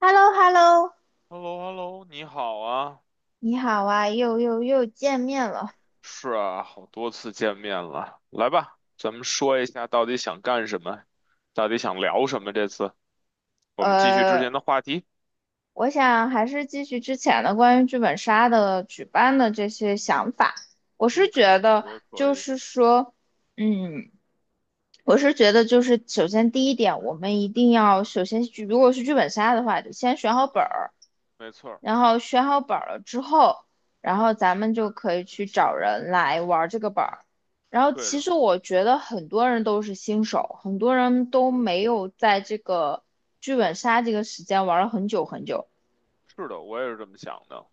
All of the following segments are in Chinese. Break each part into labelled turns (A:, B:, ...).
A: h e l l o h e l l o
B: h e l l o h e l l o 你好啊，
A: 你好啊，又见面了。
B: 是啊，好多次见面了，来吧，咱们说一下到底想干什么，到底想聊什么？这次我们继续之
A: 呃，
B: 前的话题。
A: 我想还是继续之前的关于剧本杀的举办的这些想法。我是
B: 嗯，
A: 觉
B: 我觉
A: 得，
B: 得可
A: 就
B: 以，
A: 是说，嗯，我是觉得，就是首先第一点，我们一定要首先去，如果是剧本杀的话，得先选好本儿。
B: 没错儿，
A: 然后选好本儿了之后，然后咱们就可以去找人来玩儿这个本儿。然后
B: 对
A: 其
B: 的，
A: 实我觉得很多人都是新手，很多人都
B: 对，
A: 没有在这个剧本杀这个时间玩了很久很久。
B: 是的，我也是这么想的。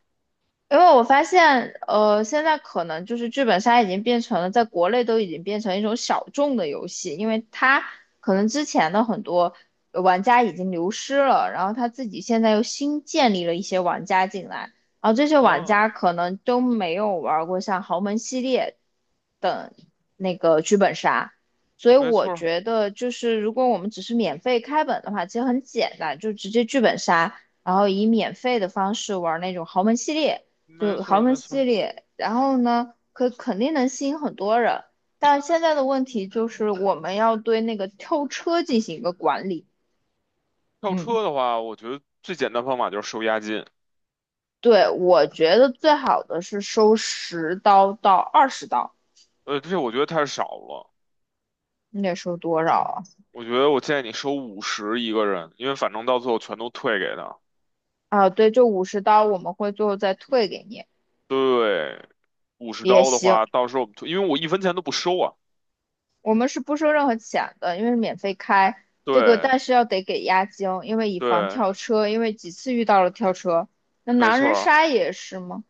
A: 因为我发现，现在可能就是剧本杀已经变成了在国内都已经变成一种小众的游戏，因为它可能之前的很多玩家已经流失了，然后他自己现在又新建立了一些玩家进来，然后这些玩家
B: 嗯，
A: 可能都没有玩过像豪门系列等那个剧本杀，所以
B: 没
A: 我
B: 错儿，
A: 觉得就是如果我们只是免费开本的话，其实很简单，就直接剧本杀。然后以免费的方式玩那种豪门系列，
B: 没
A: 就
B: 错
A: 豪
B: 儿，
A: 门
B: 没错儿。
A: 系列，然后呢，可肯定能吸引很多人。但现在的问题就是我们要对那个跳车进行一个管理。
B: 跳
A: 嗯，
B: 车的话，我觉得最简单方法就是收押金，
A: 对，我觉得最好的是收10刀到20刀，
B: 这我觉得太少了，
A: 你得收多少啊？
B: 我觉得我建议你收五十一个人，因为反正到最后全都退给他。
A: 啊，对，就五十刀，我们会最后再退给你
B: 对，五十
A: 也
B: 刀的
A: 行。
B: 话，到时候我们退，因为我一分钱都不收啊。
A: 我们是不收任何钱的，因为是免费开这个，
B: 对
A: 但是要得给押金，因为以防
B: 对，
A: 跳车，因为几次遇到了跳车。那
B: 没
A: 狼
B: 错
A: 人
B: 儿，
A: 杀也是吗？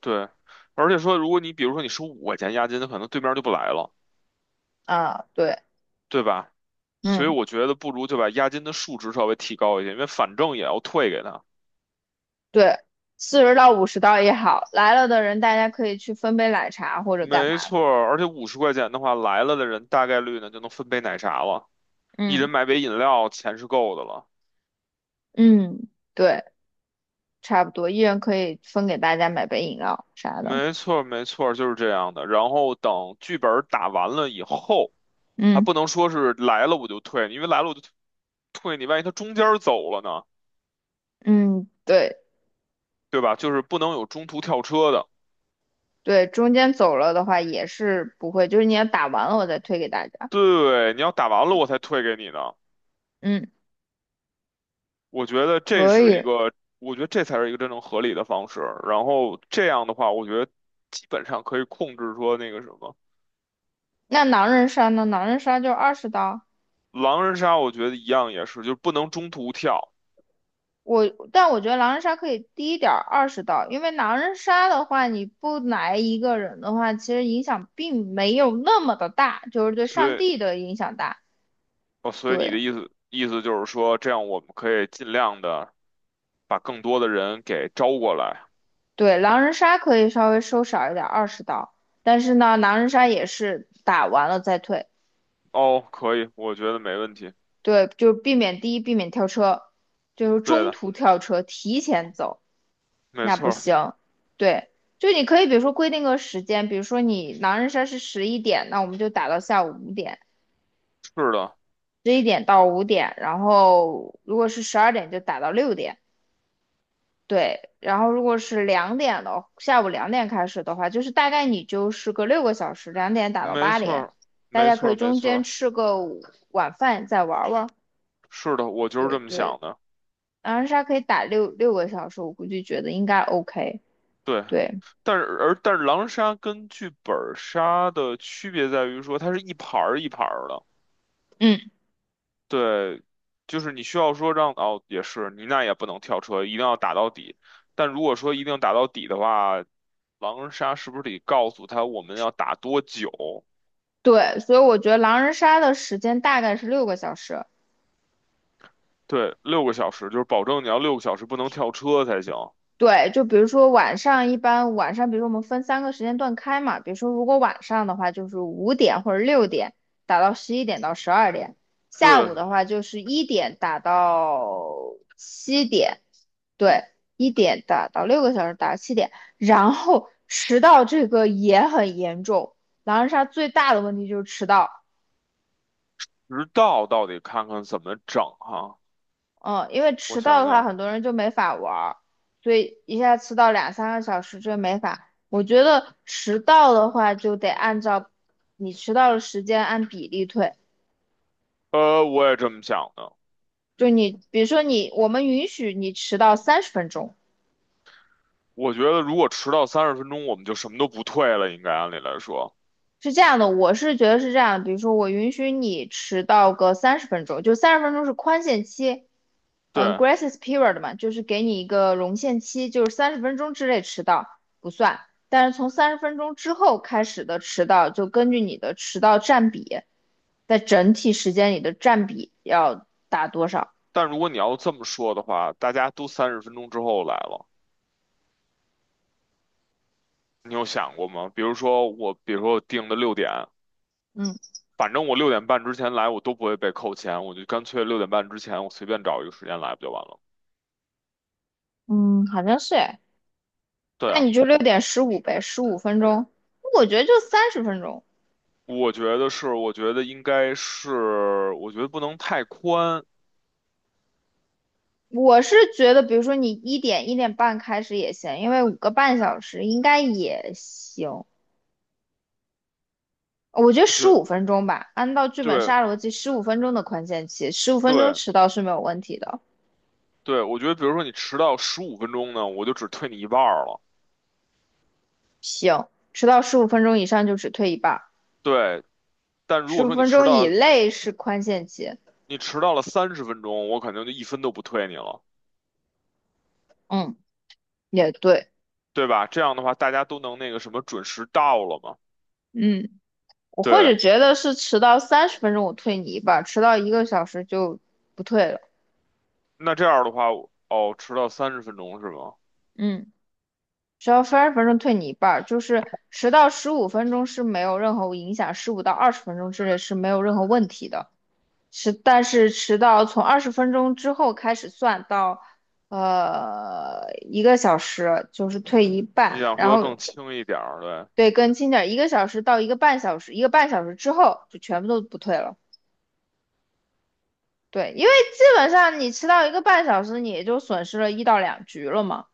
B: 对。而且说，如果你比如说你收5块钱押金，可能对面就不来了，
A: 啊，对，
B: 对吧？所以
A: 嗯，
B: 我觉得不如就把押金的数值稍微提高一点，因为反正也要退给他。
A: 对，40到50刀也好，来了的人大家可以去分杯奶茶或者干
B: 没
A: 嘛
B: 错
A: 的，
B: 儿，而且50块钱的话，来了的人大概率呢就能分杯奶茶了，一
A: 嗯
B: 人买杯饮料，钱是够的了。
A: 嗯，对，差不多，一人可以分给大家买杯饮料啥的，
B: 没错儿，没错儿，就是这样的。然后等剧本儿打完了以后。还不
A: 嗯
B: 能说是来了我就退，因为来了我就退，你万一他中间儿走了呢，
A: 嗯，对
B: 对吧？就是不能有中途跳车的。
A: 对，中间走了的话也是不会，就是你要打完了我再推给大家，
B: 对，你要打完了我才退给你呢。
A: 嗯，
B: 我觉得这
A: 可
B: 是
A: 以。
B: 一个，我觉得这才是一个真正合理的方式。然后这样的话，我觉得基本上可以控制说那个什么
A: 那狼人杀呢？狼人杀就二十刀，
B: 狼人杀，我觉得一样也是，就是不能中途跳。
A: 我，但我觉得狼人杀可以低一点二十刀，因为狼人杀的话，你不来一个人的话，其实影响并没有那么的大，就是对
B: 所
A: 上
B: 以，
A: 帝的影响大。
B: 哦，所以
A: 对
B: 你的意思就是说，这样我们可以尽量的把更多的人给招过来。
A: 对，狼人杀可以稍微收少一点，二十刀。但是呢，狼人杀也是打完了再退，
B: 哦，可以，我觉得没问题。
A: 对，就避免第一，避免跳车，就是
B: 对
A: 中
B: 的，
A: 途跳车，提前走，
B: 没
A: 那
B: 错
A: 不
B: 儿，
A: 行。对，就你可以比如说规定个时间，比如说你狼人杀是十一点，那我们就打到下午五点。
B: 是的，
A: 11点到5点，然后如果是12点就打到6点，对，然后如果是两点的，下午2点开始的话，就是大概你就是个六个小时，两点打到
B: 没
A: 八
B: 错
A: 点，
B: 儿，
A: 大
B: 没
A: 家
B: 错
A: 可以
B: 儿，没
A: 中
B: 错
A: 间
B: 儿，
A: 吃个午晚饭再玩玩，
B: 是的，我就是
A: 对
B: 这么
A: 对，
B: 想的。
A: 狼人杀可以打六个小时，我估计觉得应该 OK，
B: 对，
A: 对，
B: 但是狼杀跟剧本杀的区别在于说，它是一盘儿一盘儿的。
A: 嗯
B: 对，就是你需要说让哦，也是你那也不能跳车，一定要打到底。但如果说一定要打到底的话，狼人杀是不是得告诉他我们要打多久？
A: 对，所以我觉得狼人杀的时间大概是六个小时，
B: 对，六个小时，就是保证你要六个小时不能跳车才行。
A: 对，就比如说晚上，一般晚上，比如说我们分3个时间段开嘛，比如说如果晚上的话，就是5点或者6点打到11点到12点，下
B: 对，
A: 午的话就是1点打到7点，对，1点打到6个小时，打到七点，然后迟到这个也很严重，狼人杀最大的问题就是迟到。
B: 直到到底看看怎么整哈。
A: 嗯，因为
B: 我
A: 迟到
B: 想
A: 的话，
B: 想，
A: 很多人就没法玩儿，所以一下迟到2、3个小时这没法。我觉得迟到的话，就得按照你迟到的时间按比例退。
B: 我也这么想的。
A: 就你，比如说你，我们允许你迟到三十分钟，
B: 我觉得如果迟到三十分钟，我们就什么都不退了，应该按理来说。
A: 是这样的，我是觉得是这样的。比如说我允许你迟到个三十分钟，就三十分钟是宽限期，嗯
B: 对，
A: ，grace period 嘛，就是给你一个容限期，就是30分钟之内迟到不算，但是从30分钟之后开始的迟到，就根据你的迟到占比，在整体时间里的占比要打多少？
B: 但如果你要这么说的话，大家都三十分钟之后来了，你有想过吗？比如说我，比如说我定的六点，
A: 嗯
B: 反正我六点半之前来，我都不会被扣钱，我就干脆六点半之前，我随便找一个时间来不就完了？
A: 嗯，好像是哎，
B: 对
A: 那
B: 啊，
A: 你就6点15呗，十五分钟，我觉得就三十分钟。
B: 我觉得是，我觉得应该是，我觉得不能太宽，
A: 我是觉得，比如说你1点1点半开始也行，因为5个半小时应该也行。我觉得
B: 我觉
A: 十五
B: 得
A: 分钟吧，按照剧本
B: 对。
A: 杀逻辑，15分钟的宽限期，十五分钟
B: 对，
A: 迟到是没有问题的。
B: 对，我觉得比如说你迟到十五分钟呢，我就只退你一半儿了。
A: 行，迟到15分钟以上就只退一半儿，
B: 对，但如
A: 十
B: 果
A: 五
B: 说你
A: 分
B: 迟
A: 钟以
B: 到，
A: 内是宽限期。
B: 你迟到了三十分钟，我肯定就一分都不退你了，
A: 嗯，也对。
B: 对吧？这样的话，大家都能那个什么准时到了嘛。
A: 嗯，我或
B: 对，
A: 者觉得是迟到三十分钟我退你一半儿，迟到一个小时就不退了。
B: 那这样的话，哦，迟到三十分钟是吗？
A: 嗯，迟到三十分钟退你一半儿，就是迟到十五分钟是没有任何影响，15到20分钟之内是没有任何问题的。但是迟到从20分钟之后开始算到，一个小时就是退一
B: 你
A: 半，
B: 想
A: 然
B: 说
A: 后
B: 更轻一点儿对。
A: 对，更轻点儿1个小时到1个半小时，1个半小时之后就全部都不退了。对，因为基本上你迟到一个半小时，你也就损失了1到2局了嘛。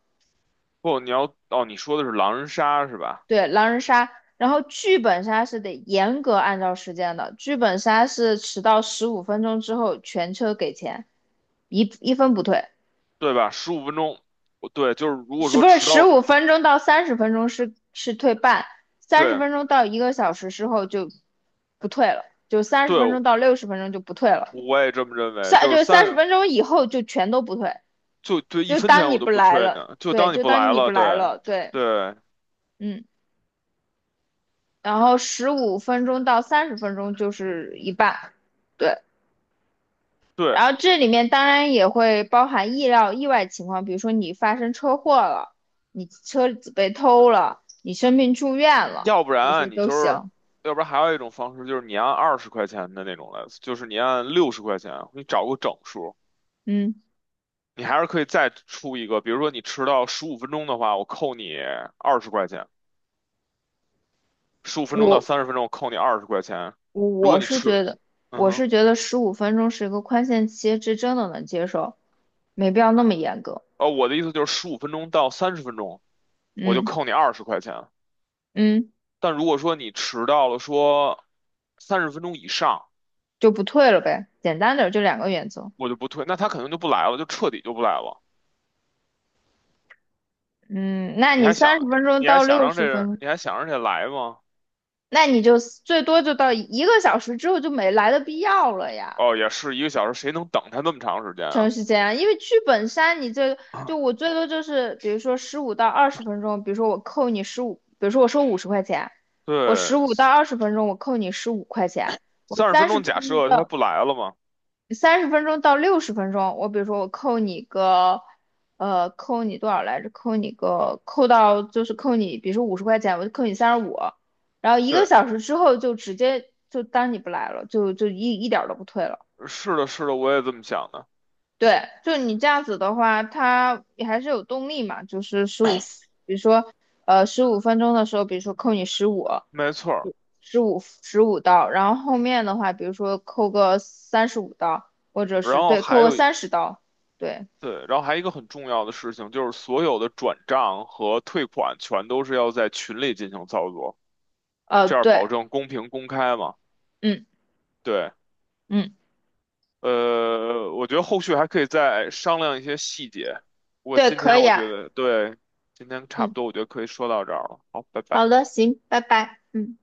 B: 不，你要，哦，你说的是狼人杀是吧？
A: 对，狼人杀，然后剧本杀是得严格按照时间的，剧本杀是迟到15分钟之后全车给钱，一分不退。
B: 对吧？十五分钟，我对，就是如果
A: 是
B: 说
A: 不是
B: 迟
A: 十
B: 到，
A: 五分钟到三十分钟是退半，三十
B: 对
A: 分钟到一个小时之后就不退了，就三十
B: 对，
A: 分钟到六十分钟就不退了，
B: 我也这么认为，
A: 三
B: 就是
A: 就三
B: 三
A: 十分钟以后就全都不退，
B: 就对，一
A: 就
B: 分
A: 当
B: 钱
A: 你
B: 我都
A: 不
B: 不
A: 来
B: 退
A: 了，
B: 呢，就
A: 对，
B: 当你
A: 就
B: 不
A: 当
B: 来
A: 你不
B: 了，对，
A: 来了，对，
B: 对，
A: 嗯，然后十五分钟到三十分钟就是一半，对，
B: 对，
A: 然后这里面当然也会包含意料意外情况，比如说你发生车祸了，你车子被偷了，你生病住院了，
B: 要不
A: 这些
B: 然你
A: 都
B: 就是，
A: 行。
B: 要不然还有一种方式就是你按二十块钱的那种来，就是你按60块钱，你找个整数，
A: 嗯，
B: 你还是可以再出一个，比如说你迟到十五分钟的话，我扣你二十块钱，十五分钟到
A: 我
B: 三十分钟我扣你二十块钱，
A: 我
B: 如果
A: 我
B: 你
A: 是
B: 迟，
A: 觉得，
B: 嗯
A: 我
B: 哼，
A: 是觉得15分钟是1个宽限期，这真的能接受，没必要那么严格。
B: 哦，我的意思就是十五分钟到三十分钟我就
A: 嗯
B: 扣你二十块钱，
A: 嗯，
B: 但如果说你迟到了说三十分钟以上。
A: 就不退了呗，简单点儿就两个原则。
B: 我就不退，那他肯定就不来了，就彻底就不来了。
A: 嗯，那
B: 你
A: 你
B: 还想，
A: 三十分钟
B: 你还
A: 到
B: 想
A: 六
B: 让这，
A: 十分
B: 人，
A: 钟，
B: 你还想让这来吗？
A: 那你就最多就到一个小时之后就没来的必要了呀。
B: 哦，也是一个小时，谁能等他那么长时间
A: 确
B: 啊？
A: 实是这样，因为剧本杀你这个就 我最多就是比如说十五到二十分钟，比如说我扣你十五，比如说我收五十块钱，我十
B: 对，
A: 五到二十分钟我扣你15块钱，我
B: 三十分
A: 三十
B: 钟假
A: 分钟
B: 设他
A: 到
B: 不来了嘛？
A: 三十分钟到六十分钟，我比如说我扣你个扣你多少来着？扣你个扣到就是扣你，比如说五十块钱，我就扣你三十五，然后一个
B: 对，
A: 小时之后就直接就当你不来了，就一点儿都不退了。
B: 是的，是的，我也这么想的，
A: 对，就你这样子的话，它也还是有动力嘛，就是十五，比如说，十五分钟的时候，比如说扣你十五，
B: 没错儿。
A: 十五刀，然后后面的话，比如说扣个35刀，或者
B: 然
A: 是
B: 后
A: 对，
B: 还
A: 扣个
B: 有一
A: 30刀，对，
B: 对，然后还有一个很重要的事情就是，所有的转账和退款全都是要在群里进行操作，这样保
A: 对，
B: 证公平公开嘛？
A: 嗯
B: 对，
A: 嗯，
B: 我觉得后续还可以再商量一些细节。
A: 对，可以
B: 我觉
A: 啊，
B: 得，对，今天差不
A: 嗯，
B: 多，我觉得可以说到这儿了。好，拜
A: 好
B: 拜。
A: 的，行，拜拜。嗯。